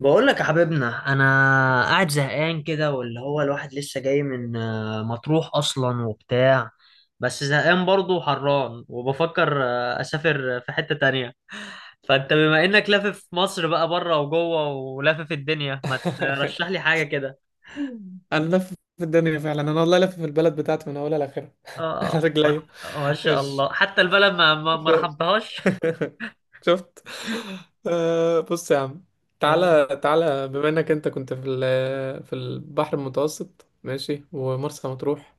بقول لك يا حبيبنا، انا قاعد زهقان كده، واللي هو الواحد لسه جاي من مطروح اصلا وبتاع. بس زهقان برضه وحران، وبفكر اسافر في حتة تانية. فانت بما انك لافف مصر بقى بره وجوه ولافف الدنيا، ما ترشح لي حاجة كده؟ انا لف في الدنيا فعلا. والله لف في البلد بتاعتي من اولها لاخرها. اه. انا ما رجليا ما شاء مش الله، حتى البلد ما ف... رحمتهاش. شفت. آه، بص يا عم، تعالى تعالى، بما انك انت كنت في البحر المتوسط ماشي، ومرسى مطروح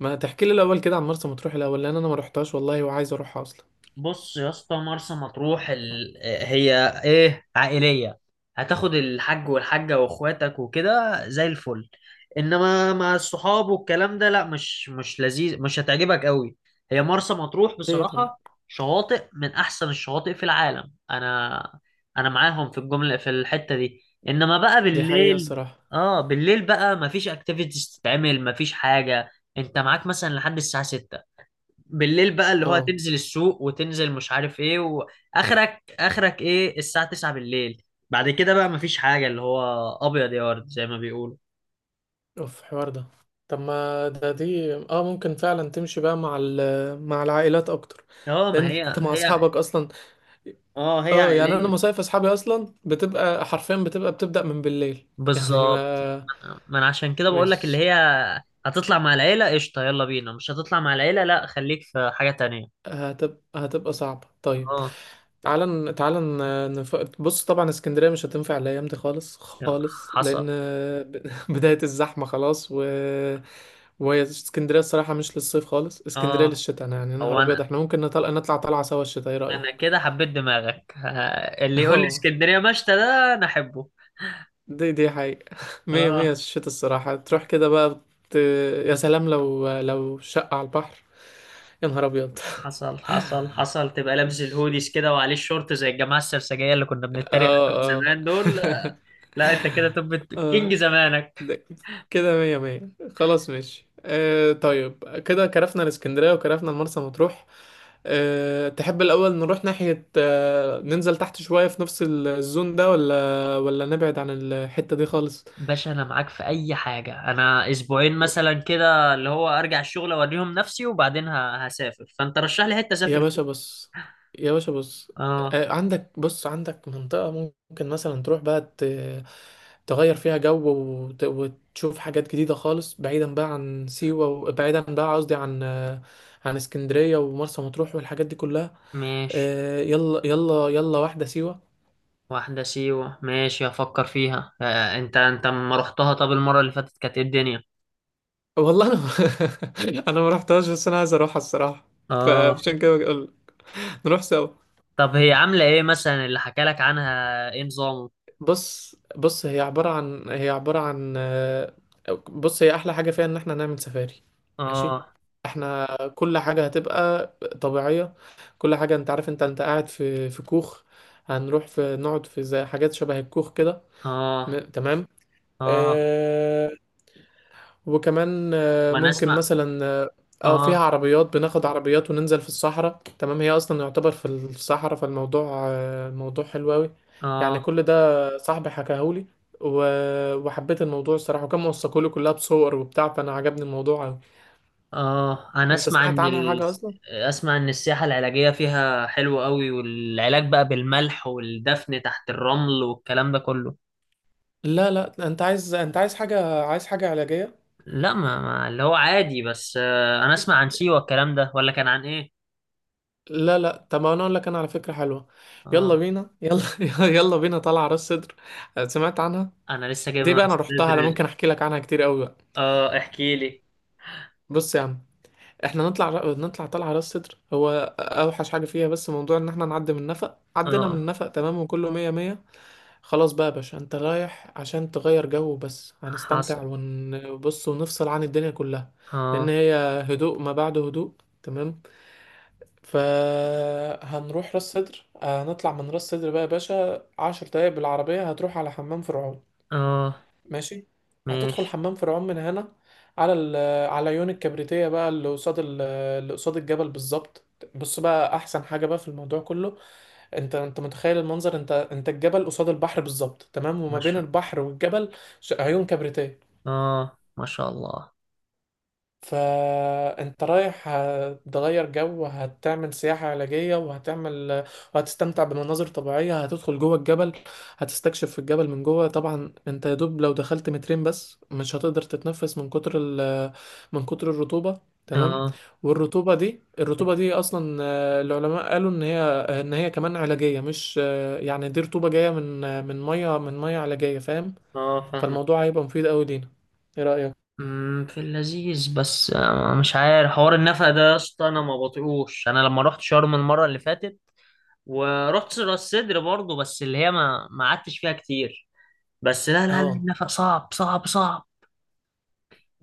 ما تحكي لي الاول كده عن مرسى مطروح الاول، لان انا ما رحتهاش والله، وعايز اروحها اصلا. بص يا اسطى، مرسى مطروح هي ايه، عائلية. هتاخد الحاج والحاجة واخواتك وكده زي الفل. انما مع الصحاب والكلام ده، لا، مش لذيذ، مش هتعجبك قوي. هي مرسى مطروح ليه طيب؟ بصراحة، شواطئ من احسن الشواطئ في العالم. انا معاهم في الجملة في الحتة دي. انما بقى دي حقيقة بالليل، الصراحة. اه، بالليل بقى مفيش اكتيفيتيز تتعمل، مفيش حاجة. انت معاك مثلا لحد الساعة 6، بالليل بقى، اللي هو اه، تنزل السوق، وتنزل مش عارف ايه، واخرك اخرك ايه؟ الساعة 9 بالليل. بعد كده بقى مفيش حاجة، اللي هو ابيض يا ورد زي ما بيقولوا. اوف حوار ده. طب ما ده دي اه، ممكن فعلا تمشي بقى مع العائلات اكتر، اه، لان ما هي انت مع هي. اصحابك اصلا. اه، هي اه، يعني انا عائلية. مصايف اصحابي اصلا بتبقى حرفيا بتبقى بتبدأ من بالليل، يعني بالظبط، ما ما انا عشان كده بقول لك، اللي مش هي هتطلع مع العيلة قشطة يلا بينا، مش هتطلع مع العيلة لا، خليك في حاجة تانية. هتبقى صعبة. طيب اه. بص، طبعا اسكندرية مش هتنفع الأيام دي خالص يا- خالص، لأن حصل. بداية الزحمة خلاص. وهي اسكندرية الصراحة مش للصيف خالص، اسكندرية اه. للشتاء. أنا يعني يا هو نهار أبيض، انا احنا ممكن نطلع نطلع طلعة سوا الشتاء، ايه رأيك؟ انا كده حبيت دماغك. اللي يقول لي اه، اسكندرية مشتى ده انا احبه. دي حقيقة. مية مية، اه، الشتاء الصراحة تروح كده بقى ت... يا سلام لو شقة على البحر، يا نهار أبيض. حصل حصل حصل. تبقى لابس الهوديز كده وعليه الشورت زي الجماعه السرسجيه اللي كنا بنتريق عليهم اه، اه. زمان دول. لا، انت كده طب كينج اه، زمانك. ده كده مية مية. خلاص ماشي آه، طيب كده كرفنا الاسكندرية وكرفنا المرسى مطروح. آه، تحب الأول نروح ناحية آه، ننزل تحت شوية في نفس الزون ده، ولا نبعد عن الحتة دي خالص؟ باشا، انا معاك في اي حاجه. انا اسبوعين مثلا كده، اللي هو ارجع الشغل اوريهم نفسي، وبعدين هسافر. فانت رشح لي حته يا اسافر فيها. باشا بص يا باشا بص، اه عندك عندك منطقة ممكن مثلا تغير فيها جو، وتشوف حاجات جديدة خالص، بعيدا بقى عن سيوة، وبعيدا بقى قصدي عن عن اسكندرية ومرسى مطروح والحاجات دي كلها. ماشي. يلا يلا يلا واحدة سيوة. واحده سيوه، ماشي افكر فيها. انت ما رحتها؟ طب المره اللي فاتت كانت ايه الدنيا؟ والله انا انا ما رحتهاش، بس انا عايز اروحها الصراحة. اه. فعشان كده بقول نروح سوا. طب هي عامله ايه مثلا؟ اللي حكى لك عنها، ايه نظامه؟ بص، هي عبارة عن بص، هي أحلى حاجة فيها إن احنا نعمل سفاري. ماشي، اه احنا كل حاجة هتبقى طبيعية. كل حاجة. انت عارف انت قاعد في كوخ، هنروح في نقعد في زي حاجات شبه الكوخ كده. اه تمام. اه، آه، وكمان وانا ممكن اسمع. مثلا اه، فيها اه عربيات، بناخد عربيات وننزل في الصحراء. تمام، هي اصلا يعتبر في الصحراء، فالموضوع الموضوع حلو قوي. يعني اه كل ده صاحبي حكاهولي، وحبيت الموضوع الصراحة، وكان موثقولي كلها بصور وبتاع، فانا عجبني الموضوع قوي. اه، انا انت اسمع ان سمعت عنها حاجة اصلا؟ اسمع ان السياحة العلاجية فيها حلوة قوي، والعلاج بقى بالملح والدفن تحت الرمل والكلام ده كله. لا لا، انت عايز انت عايز حاجة عايز حاجة علاجية؟ لا، ما, ما اللي هو عادي، بس انا اسمع عن سيوة الكلام ده، ولا كان عن ايه؟ لا لا، طب انا اقول لك انا على فكرة حلوة، اه، يلا بينا يلا. يلا بينا طالعة راس صدر. سمعت عنها؟ انا لسه جاي من دي بقى راس انا رحتها، انا سدر. ممكن احكي لك عنها كتير قوي بقى. اه، احكي لي. بص يا عم، احنا نطلع نطلع طلعه راس صدر. هو اوحش حاجه فيها بس موضوع ان احنا نعدي من النفق. عدينا من اه، النفق تمام، وكله مية مية. خلاص بقى يا باشا، انت رايح عشان تغير جو بس، هنستمتع حصل. ونبص ونفصل عن الدنيا كلها. لان اه هي هدوء ما بعد هدوء. تمام، فهنروح راس صدر. هنطلع من راس صدر بقى يا باشا، 10 دقايق بالعربيه هتروح على حمام فرعون. اه، ماشي، هتدخل ماشي. حمام فرعون من هنا على على عيون الكبريتية بقى، اللي قصاد الجبل بالظبط. بص بقى، احسن حاجة بقى في الموضوع كله، انت متخيل المنظر؟ انت الجبل قصاد البحر بالظبط. تمام، ما وما بين شاء البحر والجبل عيون كبريتية. اه، ما شاء الله. فانت رايح، هتغير جو، هتعمل سياحة علاجية، وهتستمتع بمناظر طبيعية، هتدخل جوه الجبل، هتستكشف في الجبل من جوه. طبعا انت يا دوب لو دخلت مترين بس، مش هتقدر تتنفس من كتر من كتر الرطوبة. تمام، اه والرطوبة دي، الرطوبة دي اصلا العلماء قالوا ان هي، كمان علاجية، مش يعني دي رطوبة جاية من من مية علاجية، فاهم؟ اه، فاهمك. فالموضوع هيبقى مفيد قوي لينا، ايه رأيك؟ في اللذيذ، بس مش عارف حوار النفق ده يا اسطى، انا ما بطيقوش. انا لما رحت شرم المره اللي فاتت ورحت راس سدر برضه، بس اللي هي ما ما قعدتش فيها كتير. بس لا لا لا، اه، النفق صعب صعب صعب.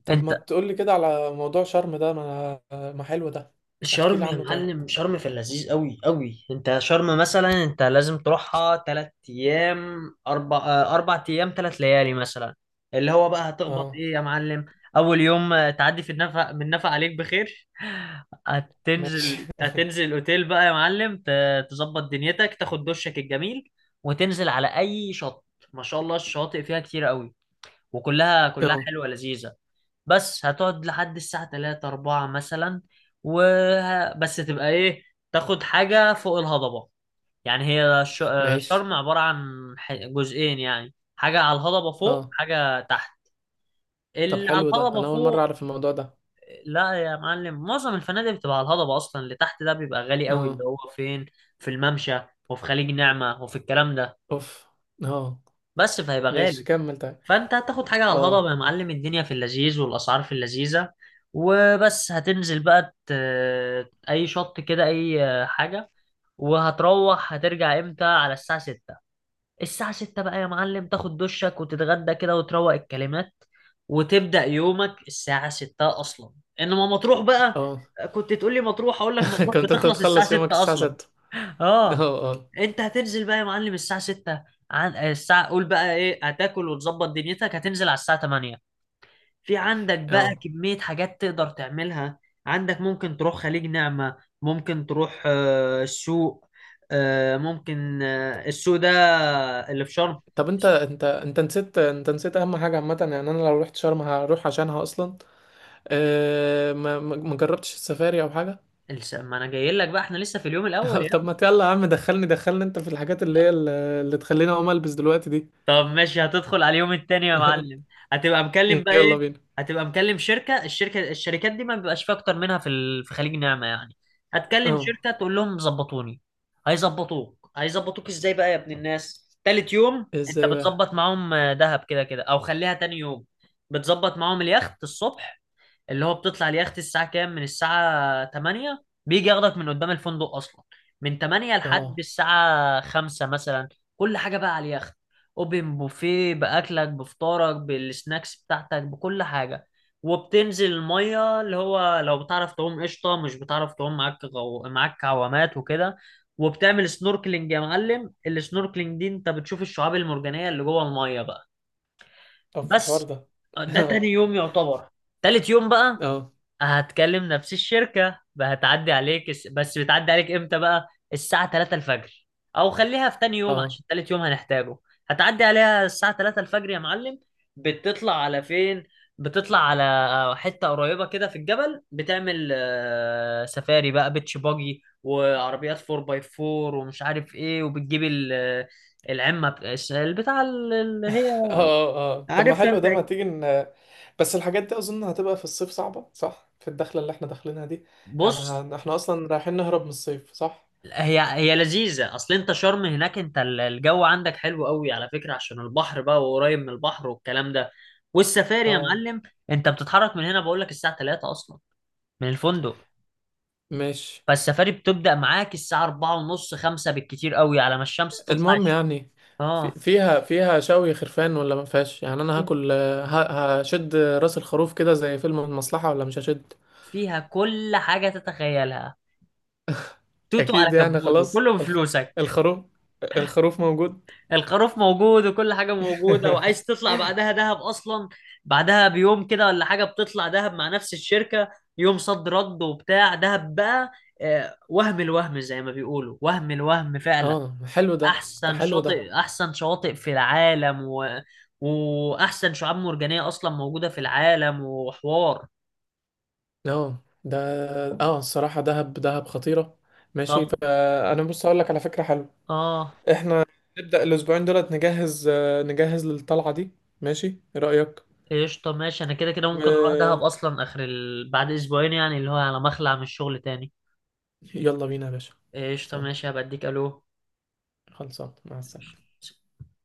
طب انت، ما تقولي كده على موضوع شرم ده، ما حلو ده. احكي شرم لي يا عنه طيب. معلم، شرم في اللذيذ قوي قوي. انت شرم مثلا انت لازم تروحها تلات ايام، اربع ايام تلات ليالي مثلا. اللي هو بقى هتخبط اه ايه يا معلم؟ اول يوم، تعدي في النفق، من نفق عليك بخير. ماشي. هتنزل الاوتيل بقى يا معلم، تظبط دنيتك، تاخد دشك الجميل، وتنزل على اي شط. ما شاء الله الشواطئ فيها كتير قوي، وكلها كلها اه حلوة لذيذة. بس هتقعد لحد الساعة 3 4 مثلا. بس تبقى ايه، تاخد حاجة فوق الهضبة. يعني ماشي. شرم عبارة عن جزئين، يعني حاجة على الهضبة فوق اه، وحاجة تحت. طب اللي على حلو ده، الهضبة انا اول مرة فوق، اعرف الموضوع ده. لا يا معلم، معظم الفنادق بتبقى على الهضبة أصلا. اللي تحت ده بيبقى غالي قوي، اه، اللي هو فين؟ في الممشى وفي خليج نعمة وفي الكلام ده. اوف. اه بس فهيبقى غالي. ماشي، كمل طيب. فانت هتاخد حاجه على الهضبه اه، يا معلم، الدنيا في اللذيذ والاسعار في اللذيذه. وبس هتنزل بقى اي شط كده، اي حاجه. وهتروح هترجع امتى؟ على الساعه 6. الساعه 6 بقى يا معلم، تاخد دشك وتتغدى كده وتروق الكلمات، وتبدا يومك الساعه 6 اصلا. انما مطروح بقى، اه. كنت تقول لي مطروح، اقول لك مطروح كنت انت بتخلص الساعه بتخلص يومك 6 الساعة اصلا. 6؟ اه. اه، اه، انت هتنزل بقى يا معلم الساعة 6، عن آه، الساعة قول بقى ايه، هتاكل وتظبط دنيتك، هتنزل على الساعة 8. في عندك بقى اه. كمية حاجات تقدر تعملها. عندك ممكن تروح خليج نعمة، ممكن تروح السوق، ممكن السوق ده اللي في شرم. طب انت نسيت، نسيت اهم حاجة عامة، يعني انا لو رحت شرم هروح عشانها اصلا. أه، ما جربتش السفاري او حاجة. ما انا جاي لك بقى، احنا لسه في اليوم الاول. طب ما يلا يا عم، دخلني دخلني انت في الحاجات اللي تخليني اقوم البس دلوقتي دي. طب ماشي، هتدخل على اليوم التاني يا معلم. هتبقى مكلم بقى يلا ايه؟ بينا. هتبقى مكلم شركة، الشركات دي ما بيبقاش فيها اكتر منها في في خليج نعمة يعني. هتكلم اه، شركة تقول لهم ظبطوني. هيظبطوك ازاي بقى يا ابن الناس؟ تالت يوم انت ازاي بقى؟ بتظبط معاهم دهب، كده كده، او خليها تاني يوم. بتظبط معاهم اليخت الصبح، اللي هو بتطلع اليخت الساعة كام؟ من الساعة 8 بيجي ياخدك من قدام الفندق أصلا، من 8 لحد اه، الساعة 5 مثلا. كل حاجة بقى على اليخت: أوبن بوفيه، بأكلك، بفطارك، بالسناكس بتاعتك، بكل حاجة. وبتنزل المية، اللي هو لو بتعرف تعوم قشطة، مش بتعرف تعوم معاك معاك عوامات وكده. وبتعمل سنوركلينج يا معلم، السنوركلينج دي انت بتشوف الشعاب المرجانية اللي جوه المية بقى. طب في الحوار بس ده. ده اه، تاني يوم يعتبر. تالت يوم بقى اه، هتكلم نفس الشركة، هتعدي عليك بس بتعدي عليك امتى بقى؟ الساعة 3 الفجر، او خليها في تاني يوم اه، عشان تالت يوم هنحتاجه. هتعدي عليها الساعة 3 الفجر يا معلم. بتطلع على فين؟ بتطلع على حتة قريبة كده في الجبل، بتعمل سفاري بقى، بيتش باجي وعربيات 4 باي 4 ومش عارف ايه، وبتجيب العمة البتاع اللي هي اه، اه. طب ما عارفها حلو انت. ده، ما تيجي بس الحاجات دي اظن هتبقى في الصيف صعبة، صح؟ في الدخلة اللي احنا داخلينها دي، يعني بص، احنا اصلا رايحين نهرب من الصيف، صح؟ هي هي لذيذة اصل. انت شرم هناك انت، الجو عندك حلو قوي على فكرة، عشان البحر بقى وقريب من البحر والكلام ده. والسفاري يا اه معلم، انت بتتحرك من هنا بقول لك الساعة 3 اصلا، من الفندق. ماشي، فالسفاري بتبدأ معاك الساعة 4 ونص 5 بالكتير قوي، على ما الشمس تطلع المهم يعني، في اه، فيها فيها شوي خرفان ولا ما فيهاش؟ يعني انا هاكل هشد راس الخروف كده زي فيلم المصلحة، ولا مش هشد؟ فيها كل حاجة تتخيلها. توتو على اكيد يعني، كبوت، خلاص وكله بفلوسك. الخروف، الخروف موجود. الخروف موجود وكل حاجة موجودة، وعايز تطلع بعدها دهب أصلا. بعدها بيوم كده ولا حاجة بتطلع دهب مع نفس الشركة. يوم صد رد وبتاع دهب بقى. وهم الوهم زي ما بيقولوا، وهم الوهم فعلا. اه حلو ده، ده أحسن حلو ده شاطئ، أحسن شواطئ في العالم وأحسن شعاب مرجانية أصلا موجودة في العالم، وحوار. اه ده، اه الصراحة دهب دهب خطيرة. ماشي، طب فانا بص اقول لك على فكرة حلوة، آه، احنا نبدأ الاسبوعين دولت نجهز، نجهز للطلعة دي، ماشي؟ ايه رأيك؟ قشطة ماشي. أنا كده كده ممكن أروح دهب و أصلا آخر بعد أسبوعين يعني، اللي هو على مخلع من الشغل تاني. يلا بينا يا باشا، قشطة ماشي، هبقى أديك. ألو. خلصان، مع السلامة.